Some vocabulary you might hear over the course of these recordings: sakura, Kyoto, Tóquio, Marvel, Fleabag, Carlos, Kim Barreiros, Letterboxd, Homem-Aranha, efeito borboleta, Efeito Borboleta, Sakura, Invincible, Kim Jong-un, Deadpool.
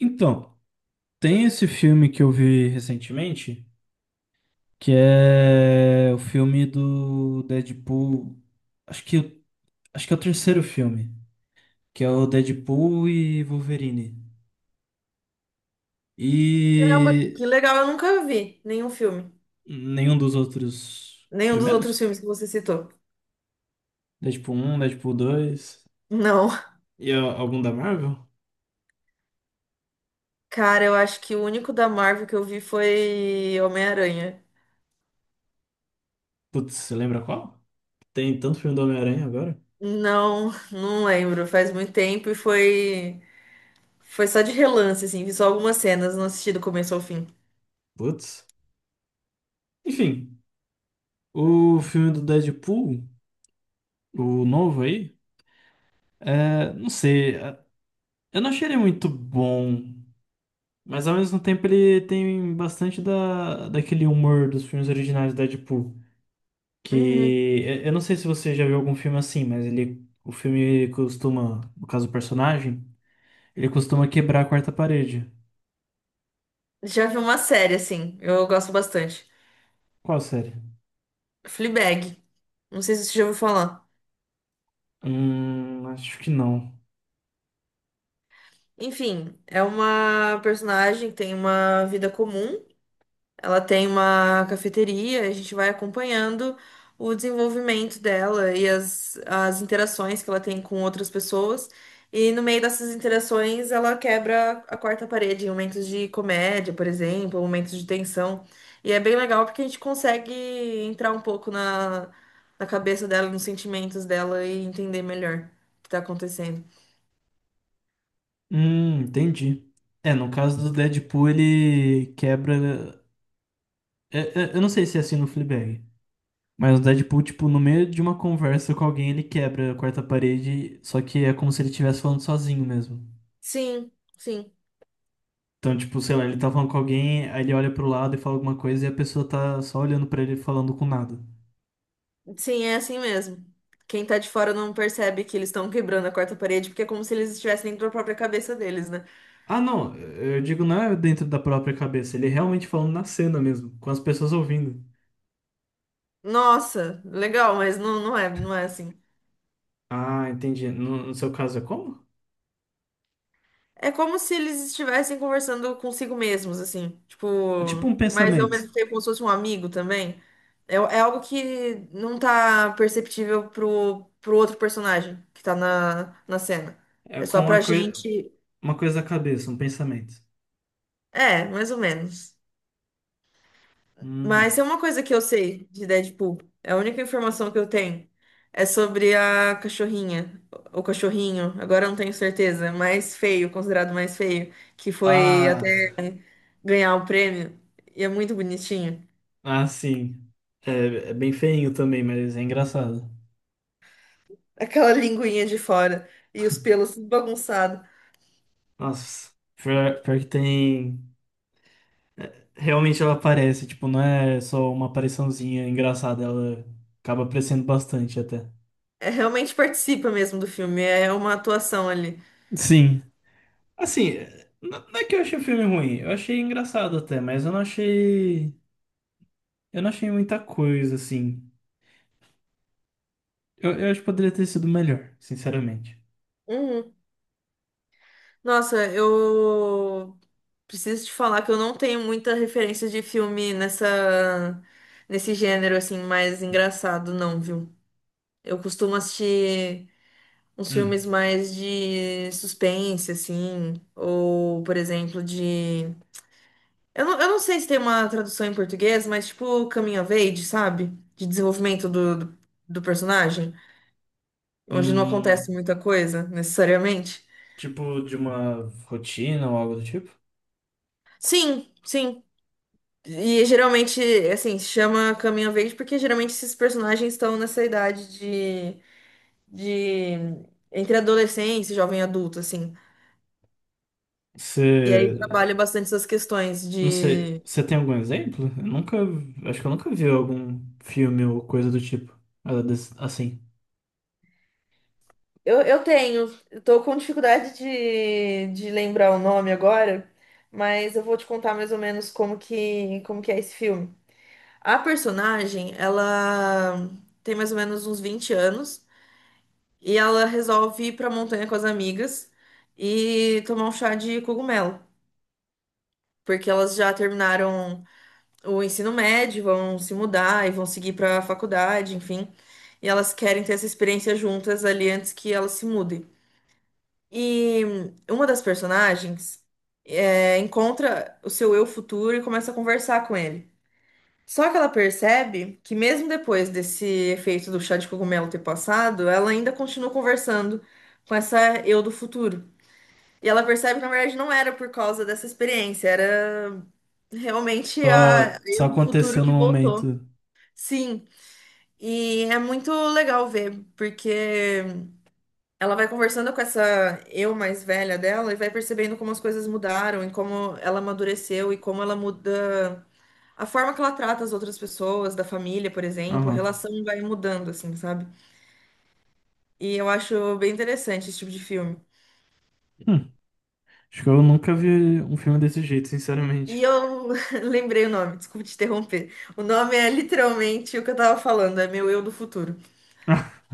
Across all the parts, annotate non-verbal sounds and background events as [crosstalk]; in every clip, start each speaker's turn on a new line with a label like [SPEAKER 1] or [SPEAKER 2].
[SPEAKER 1] Então, tem esse filme que eu vi recentemente, que é o filme do Deadpool. Acho que, acho que é o terceiro filme, que é o Deadpool e Wolverine.
[SPEAKER 2] Caramba, que
[SPEAKER 1] E
[SPEAKER 2] legal, eu nunca vi nenhum filme.
[SPEAKER 1] nenhum dos outros
[SPEAKER 2] Nenhum dos outros
[SPEAKER 1] primeiros?
[SPEAKER 2] filmes que você citou.
[SPEAKER 1] Deadpool um, Deadpool dois
[SPEAKER 2] Não.
[SPEAKER 1] e algum da Marvel?
[SPEAKER 2] Cara, eu acho que o único da Marvel que eu vi foi Homem-Aranha.
[SPEAKER 1] Putz, você lembra qual? Tem tanto filme do Homem-Aranha agora.
[SPEAKER 2] Não, não lembro. Faz muito tempo e foi. Foi só de relance, assim. Vi só algumas cenas, não assisti do começo ao fim.
[SPEAKER 1] Putz. Enfim, o filme do Deadpool, o novo aí, não sei. Eu não achei ele muito bom, mas ao mesmo tempo ele tem bastante daquele humor dos filmes originais da Deadpool. Que
[SPEAKER 2] Uhum.
[SPEAKER 1] eu não sei se você já viu algum filme assim, mas ele, o filme costuma, no caso do personagem, ele costuma quebrar a quarta parede.
[SPEAKER 2] Já vi uma série, assim. Eu gosto bastante.
[SPEAKER 1] Qual série?
[SPEAKER 2] Fleabag. Não sei se você já ouviu falar.
[SPEAKER 1] Acho que não.
[SPEAKER 2] Enfim, é uma personagem que tem uma vida comum. Ela tem uma cafeteria, a gente vai acompanhando o desenvolvimento dela e as interações que ela tem com outras pessoas. E no meio dessas interações, ela quebra a quarta parede em momentos de comédia, por exemplo, momentos de tensão. E é bem legal porque a gente consegue entrar um pouco na cabeça dela, nos sentimentos dela e entender melhor o que está acontecendo.
[SPEAKER 1] Entendi. É, no caso do Deadpool ele quebra. é- Eu não sei se é assim no Fleabag. Mas o Deadpool, tipo, no meio de uma conversa com alguém, ele quebra a quarta parede, só que é como se ele estivesse falando sozinho mesmo.
[SPEAKER 2] Sim, sim.
[SPEAKER 1] Então, tipo, sei lá, ele tá falando com alguém, aí ele olha pro lado e fala alguma coisa e a pessoa tá só olhando pra ele falando com nada.
[SPEAKER 2] Sim, é assim mesmo. Quem tá de fora não percebe que eles estão quebrando a quarta parede, porque é como se eles estivessem dentro da própria cabeça deles, né?
[SPEAKER 1] Ah, não, eu digo não é dentro da própria cabeça, ele é realmente falando na cena mesmo, com as pessoas ouvindo.
[SPEAKER 2] Nossa, legal, mas não, não é assim.
[SPEAKER 1] Ah, entendi. No seu caso é como?
[SPEAKER 2] É como se eles estivessem conversando consigo mesmos, assim. Tipo,
[SPEAKER 1] É tipo um
[SPEAKER 2] mas ao
[SPEAKER 1] pensamento.
[SPEAKER 2] mesmo tempo como se fosse um amigo também. É, é algo que não tá perceptível pro outro personagem que tá na cena.
[SPEAKER 1] É
[SPEAKER 2] É
[SPEAKER 1] com
[SPEAKER 2] só pra gente.
[SPEAKER 1] uma coisa da cabeça, um pensamento.
[SPEAKER 2] É, mais ou menos. Mas é
[SPEAKER 1] Hum.
[SPEAKER 2] uma coisa que eu sei de Deadpool. É a única informação que eu tenho. É sobre a cachorrinha. O cachorrinho, agora eu não tenho certeza. Mais feio, considerado mais feio. Que foi
[SPEAKER 1] Ah.
[SPEAKER 2] até ganhar o prêmio. E é muito bonitinho.
[SPEAKER 1] Ah, sim. É, é bem feinho também, mas é engraçado.
[SPEAKER 2] [laughs] Aquela linguinha de fora. E os pelos bagunçados.
[SPEAKER 1] Nossa, pior que tem. Realmente ela aparece, tipo, não é só uma apariçãozinha engraçada, ela acaba aparecendo bastante até.
[SPEAKER 2] É, realmente participa mesmo do filme. É uma atuação ali.
[SPEAKER 1] Sim. Assim, não, não é que eu achei o filme ruim, eu achei engraçado até, mas eu não achei. Eu não achei muita coisa, assim. Eu acho que poderia ter sido melhor, sinceramente.
[SPEAKER 2] Uhum. Nossa, eu preciso te falar que eu não tenho muita referência de filme nessa nesse gênero assim mais engraçado, não, viu? Eu costumo assistir uns filmes
[SPEAKER 1] Hum.
[SPEAKER 2] mais de suspense, assim, ou, por exemplo, de... eu não sei se tem uma tradução em português, mas tipo coming of age, sabe? De desenvolvimento do personagem, onde não acontece
[SPEAKER 1] Hum,
[SPEAKER 2] muita coisa, necessariamente.
[SPEAKER 1] tipo, de uma rotina ou algo do tipo?
[SPEAKER 2] Sim, sim. E geralmente, assim, se chama Caminho Verde porque geralmente esses personagens estão nessa idade de entre adolescência e jovem adulto, assim. E aí
[SPEAKER 1] Você.
[SPEAKER 2] trabalha bastante essas questões
[SPEAKER 1] Não sei,
[SPEAKER 2] de.
[SPEAKER 1] você tem algum exemplo? Eu nunca, acho que eu nunca vi algum filme ou coisa do tipo. Assim,
[SPEAKER 2] Eu tô com dificuldade de lembrar o nome agora, mas eu vou te contar mais ou menos como que é esse filme. A personagem, ela tem mais ou menos uns 20 anos. E ela resolve ir pra montanha com as amigas e tomar um chá de cogumelo, porque elas já terminaram o ensino médio, vão se mudar e vão seguir pra faculdade, enfim. E elas querem ter essa experiência juntas ali antes que elas se mudem. E uma das personagens encontra o seu eu futuro e começa a conversar com ele. Só que ela percebe que mesmo depois desse efeito do chá de cogumelo ter passado, ela ainda continua conversando com essa eu do futuro. E ela percebe que, na verdade, não era por causa dessa experiência, era realmente a
[SPEAKER 1] só, só
[SPEAKER 2] eu do futuro
[SPEAKER 1] aconteceu no
[SPEAKER 2] que voltou.
[SPEAKER 1] momento.
[SPEAKER 2] Sim, e é muito legal ver, porque ela vai conversando com essa eu mais velha dela e vai percebendo como as coisas mudaram e como ela amadureceu e como ela muda a forma que ela trata as outras pessoas, da família, por exemplo, a
[SPEAKER 1] Aham.
[SPEAKER 2] relação vai mudando, assim, sabe? E eu acho bem interessante esse tipo de filme.
[SPEAKER 1] Hum, acho que eu nunca vi um filme desse jeito,
[SPEAKER 2] E
[SPEAKER 1] sinceramente.
[SPEAKER 2] eu [laughs] lembrei o nome, desculpa te interromper. O nome é literalmente o que eu tava falando, é meu eu do futuro.
[SPEAKER 1] [laughs]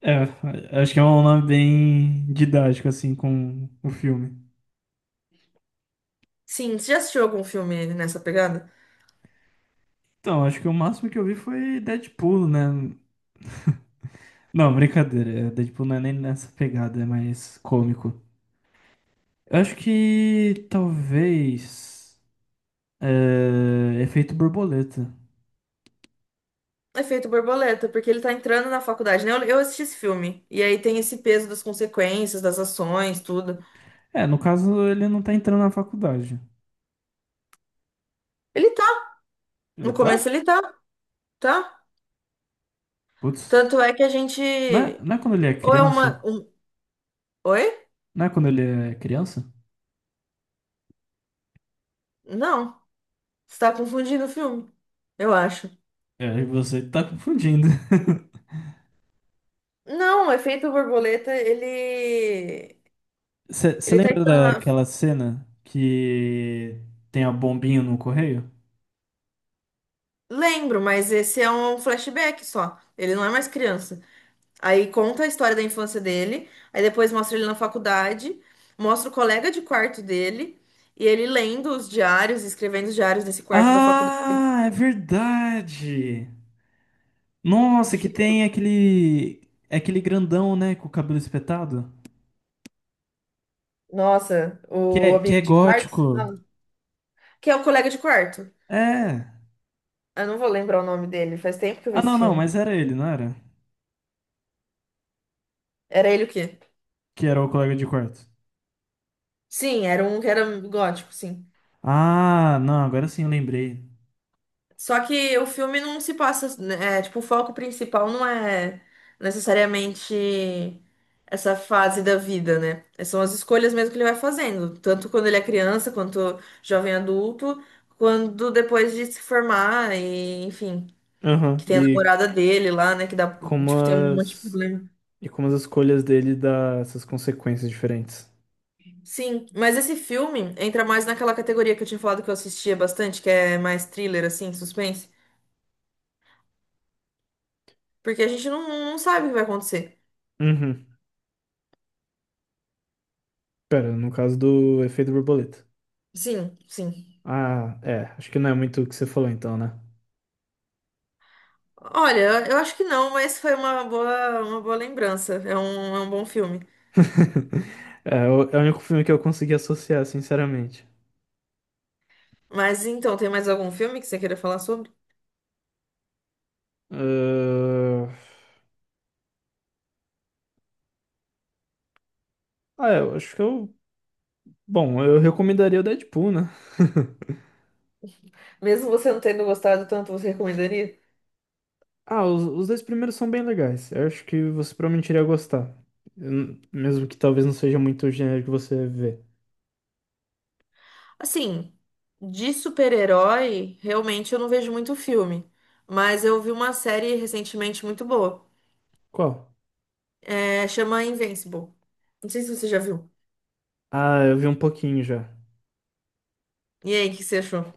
[SPEAKER 1] É, acho que é um nome bem didático, assim, com o filme.
[SPEAKER 2] Sim, você já assistiu algum filme nessa pegada?
[SPEAKER 1] Então, acho que o máximo que eu vi foi Deadpool, né? Não, brincadeira. É, Deadpool não é nem nessa pegada, é mais cômico. Eu acho que talvez. É, Efeito Borboleta.
[SPEAKER 2] Efeito Borboleta, porque ele tá entrando na faculdade, né? Eu assisti esse filme. E aí tem esse peso das consequências, das ações, tudo.
[SPEAKER 1] É, no caso, ele não tá entrando na faculdade.
[SPEAKER 2] Ele tá.
[SPEAKER 1] Ele
[SPEAKER 2] No começo
[SPEAKER 1] tá?
[SPEAKER 2] ele tá, tá?
[SPEAKER 1] Putz.
[SPEAKER 2] Tanto é que a gente.
[SPEAKER 1] Não é quando ele é
[SPEAKER 2] Ou é
[SPEAKER 1] criança?
[SPEAKER 2] uma. Um- Oi?
[SPEAKER 1] Não é quando ele é criança?
[SPEAKER 2] Não. Você tá confundindo o filme, eu acho.
[SPEAKER 1] É, você tá confundindo. [laughs]
[SPEAKER 2] Não, o Efeito Borboleta, ele.
[SPEAKER 1] Você
[SPEAKER 2] Ele tá
[SPEAKER 1] lembra
[SPEAKER 2] entrando.
[SPEAKER 1] daquela cena que tem a bombinha no correio?
[SPEAKER 2] Lembro, mas esse é um flashback só. Ele não é mais criança. Aí conta a história da infância dele, aí depois mostra ele na faculdade, mostra o colega de quarto dele, e ele lendo os diários, escrevendo os diários desse quarto da faculdade.
[SPEAKER 1] Ah, é verdade! Nossa, que tem aquele grandão, né, com o cabelo espetado,
[SPEAKER 2] Nossa, o
[SPEAKER 1] que é
[SPEAKER 2] amigo de quarto, você
[SPEAKER 1] gótico.
[SPEAKER 2] fala? Que é o colega de quarto.
[SPEAKER 1] É.
[SPEAKER 2] Eu não vou lembrar o nome dele, faz tempo que eu vi
[SPEAKER 1] Ah,
[SPEAKER 2] esse
[SPEAKER 1] não, não,
[SPEAKER 2] filme.
[SPEAKER 1] mas era ele, não era?
[SPEAKER 2] Era ele o quê?
[SPEAKER 1] Que era o colega de quarto.
[SPEAKER 2] Sim, era um que era gótico, sim.
[SPEAKER 1] Ah, não, agora sim eu lembrei.
[SPEAKER 2] Só que o filme não se passa, né, é, tipo, o foco principal não é necessariamente essa fase da vida, né? São as escolhas mesmo que ele vai fazendo, tanto quando ele é criança, quanto jovem adulto, quando depois de se formar e, enfim,
[SPEAKER 1] Aham.
[SPEAKER 2] que tem a
[SPEAKER 1] E
[SPEAKER 2] namorada dele lá, né, que dá,
[SPEAKER 1] como
[SPEAKER 2] tipo, tem um monte de
[SPEAKER 1] as.
[SPEAKER 2] problema.
[SPEAKER 1] E como as escolhas dele dá essas consequências diferentes.
[SPEAKER 2] Sim, mas esse filme entra mais naquela categoria que eu tinha falado que eu assistia bastante, que é mais thriller, assim, suspense, porque a gente não sabe o que vai acontecer.
[SPEAKER 1] Uhum. Pera, no caso do Efeito Borboleta.
[SPEAKER 2] Sim, sim.
[SPEAKER 1] Ah, é. Acho que não é muito o que você falou então, né?
[SPEAKER 2] Olha, eu acho que não, mas foi uma boa lembrança. É um bom filme.
[SPEAKER 1] [laughs] É, é o único filme que eu consegui associar, sinceramente.
[SPEAKER 2] Mas então, tem mais algum filme que você queira falar sobre?
[SPEAKER 1] Ah, Ah, é, eu acho que eu. Bom, eu recomendaria o Deadpool, né? [laughs]
[SPEAKER 2] Mesmo você não tendo gostado tanto, você recomendaria?
[SPEAKER 1] Ah, os dois primeiros são bem legais. Eu acho que você provavelmente iria gostar. Eu mesmo que talvez não seja muito o gênero que você vê.
[SPEAKER 2] Assim, de super-herói, realmente eu não vejo muito filme. Mas eu vi uma série recentemente muito boa.
[SPEAKER 1] Qual?
[SPEAKER 2] É, chama Invincible. Não sei se você já viu.
[SPEAKER 1] Ah, eu vi um pouquinho já.
[SPEAKER 2] E aí, o que você achou?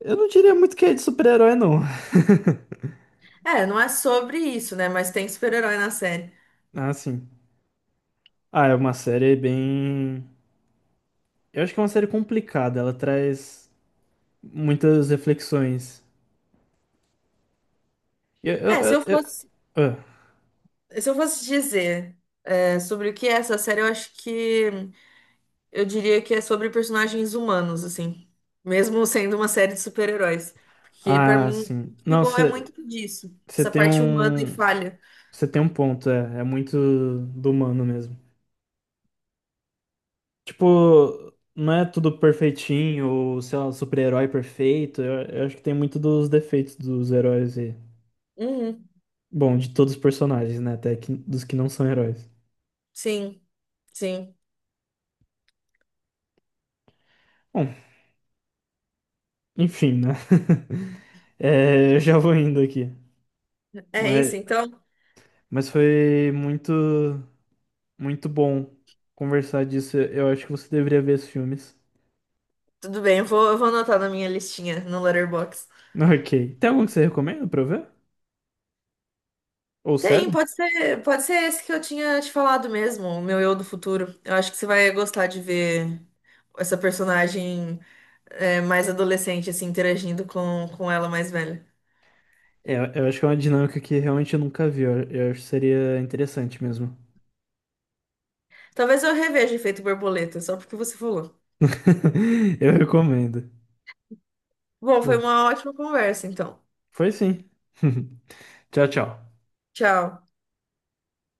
[SPEAKER 1] Eu não diria muito que é de super-herói, não. [laughs]
[SPEAKER 2] É, não é sobre isso, né? Mas tem super-herói na série.
[SPEAKER 1] Ah, sim. Ah, é uma série bem. Eu acho que é uma série complicada. Ela traz muitas reflexões. Eu, eu,
[SPEAKER 2] É, se eu
[SPEAKER 1] eu,
[SPEAKER 2] fosse,
[SPEAKER 1] eu-
[SPEAKER 2] se eu fosse dizer, é, sobre o que é essa série, eu acho que. Eu diria que é sobre personagens humanos, assim. Mesmo sendo uma série de super-heróis. Porque pra
[SPEAKER 1] Ah, Ah,
[SPEAKER 2] mim
[SPEAKER 1] sim. Não,
[SPEAKER 2] ficou é
[SPEAKER 1] você
[SPEAKER 2] muito disso. Essa
[SPEAKER 1] tem
[SPEAKER 2] parte humana e
[SPEAKER 1] um.
[SPEAKER 2] falha.
[SPEAKER 1] Você tem um ponto, é. É muito do humano mesmo. Tipo, não é tudo perfeitinho, ou sei lá, super-herói perfeito. Eu acho que tem muito dos defeitos dos heróis e.
[SPEAKER 2] Uhum,
[SPEAKER 1] Bom, de todos os personagens, né? Até que, dos que não são heróis.
[SPEAKER 2] sim, sim.
[SPEAKER 1] Bom, enfim, né? [laughs] É, eu já vou indo aqui.
[SPEAKER 2] É
[SPEAKER 1] Mas,
[SPEAKER 2] isso, então.
[SPEAKER 1] mas foi muito bom conversar disso. Eu acho que você deveria ver esses filmes.
[SPEAKER 2] Tudo bem, eu vou anotar na minha listinha no Letterboxd.
[SPEAKER 1] [laughs] Ok. Tem algum que você recomenda pra eu ver? Ou
[SPEAKER 2] Tem,
[SPEAKER 1] sério?
[SPEAKER 2] pode ser esse que eu tinha te falado mesmo, o meu eu do futuro. Eu acho que você vai gostar de ver essa personagem é, mais adolescente, assim, interagindo com ela mais velha.
[SPEAKER 1] É, eu acho que é uma dinâmica que realmente eu nunca vi. Eu acho que seria interessante mesmo.
[SPEAKER 2] Talvez eu reveja Efeito Borboleta, só porque você falou.
[SPEAKER 1] [laughs] Eu recomendo.
[SPEAKER 2] Bom, foi
[SPEAKER 1] Bom,
[SPEAKER 2] uma ótima conversa, então.
[SPEAKER 1] foi sim. [laughs] Tchau, tchau.
[SPEAKER 2] Tchau.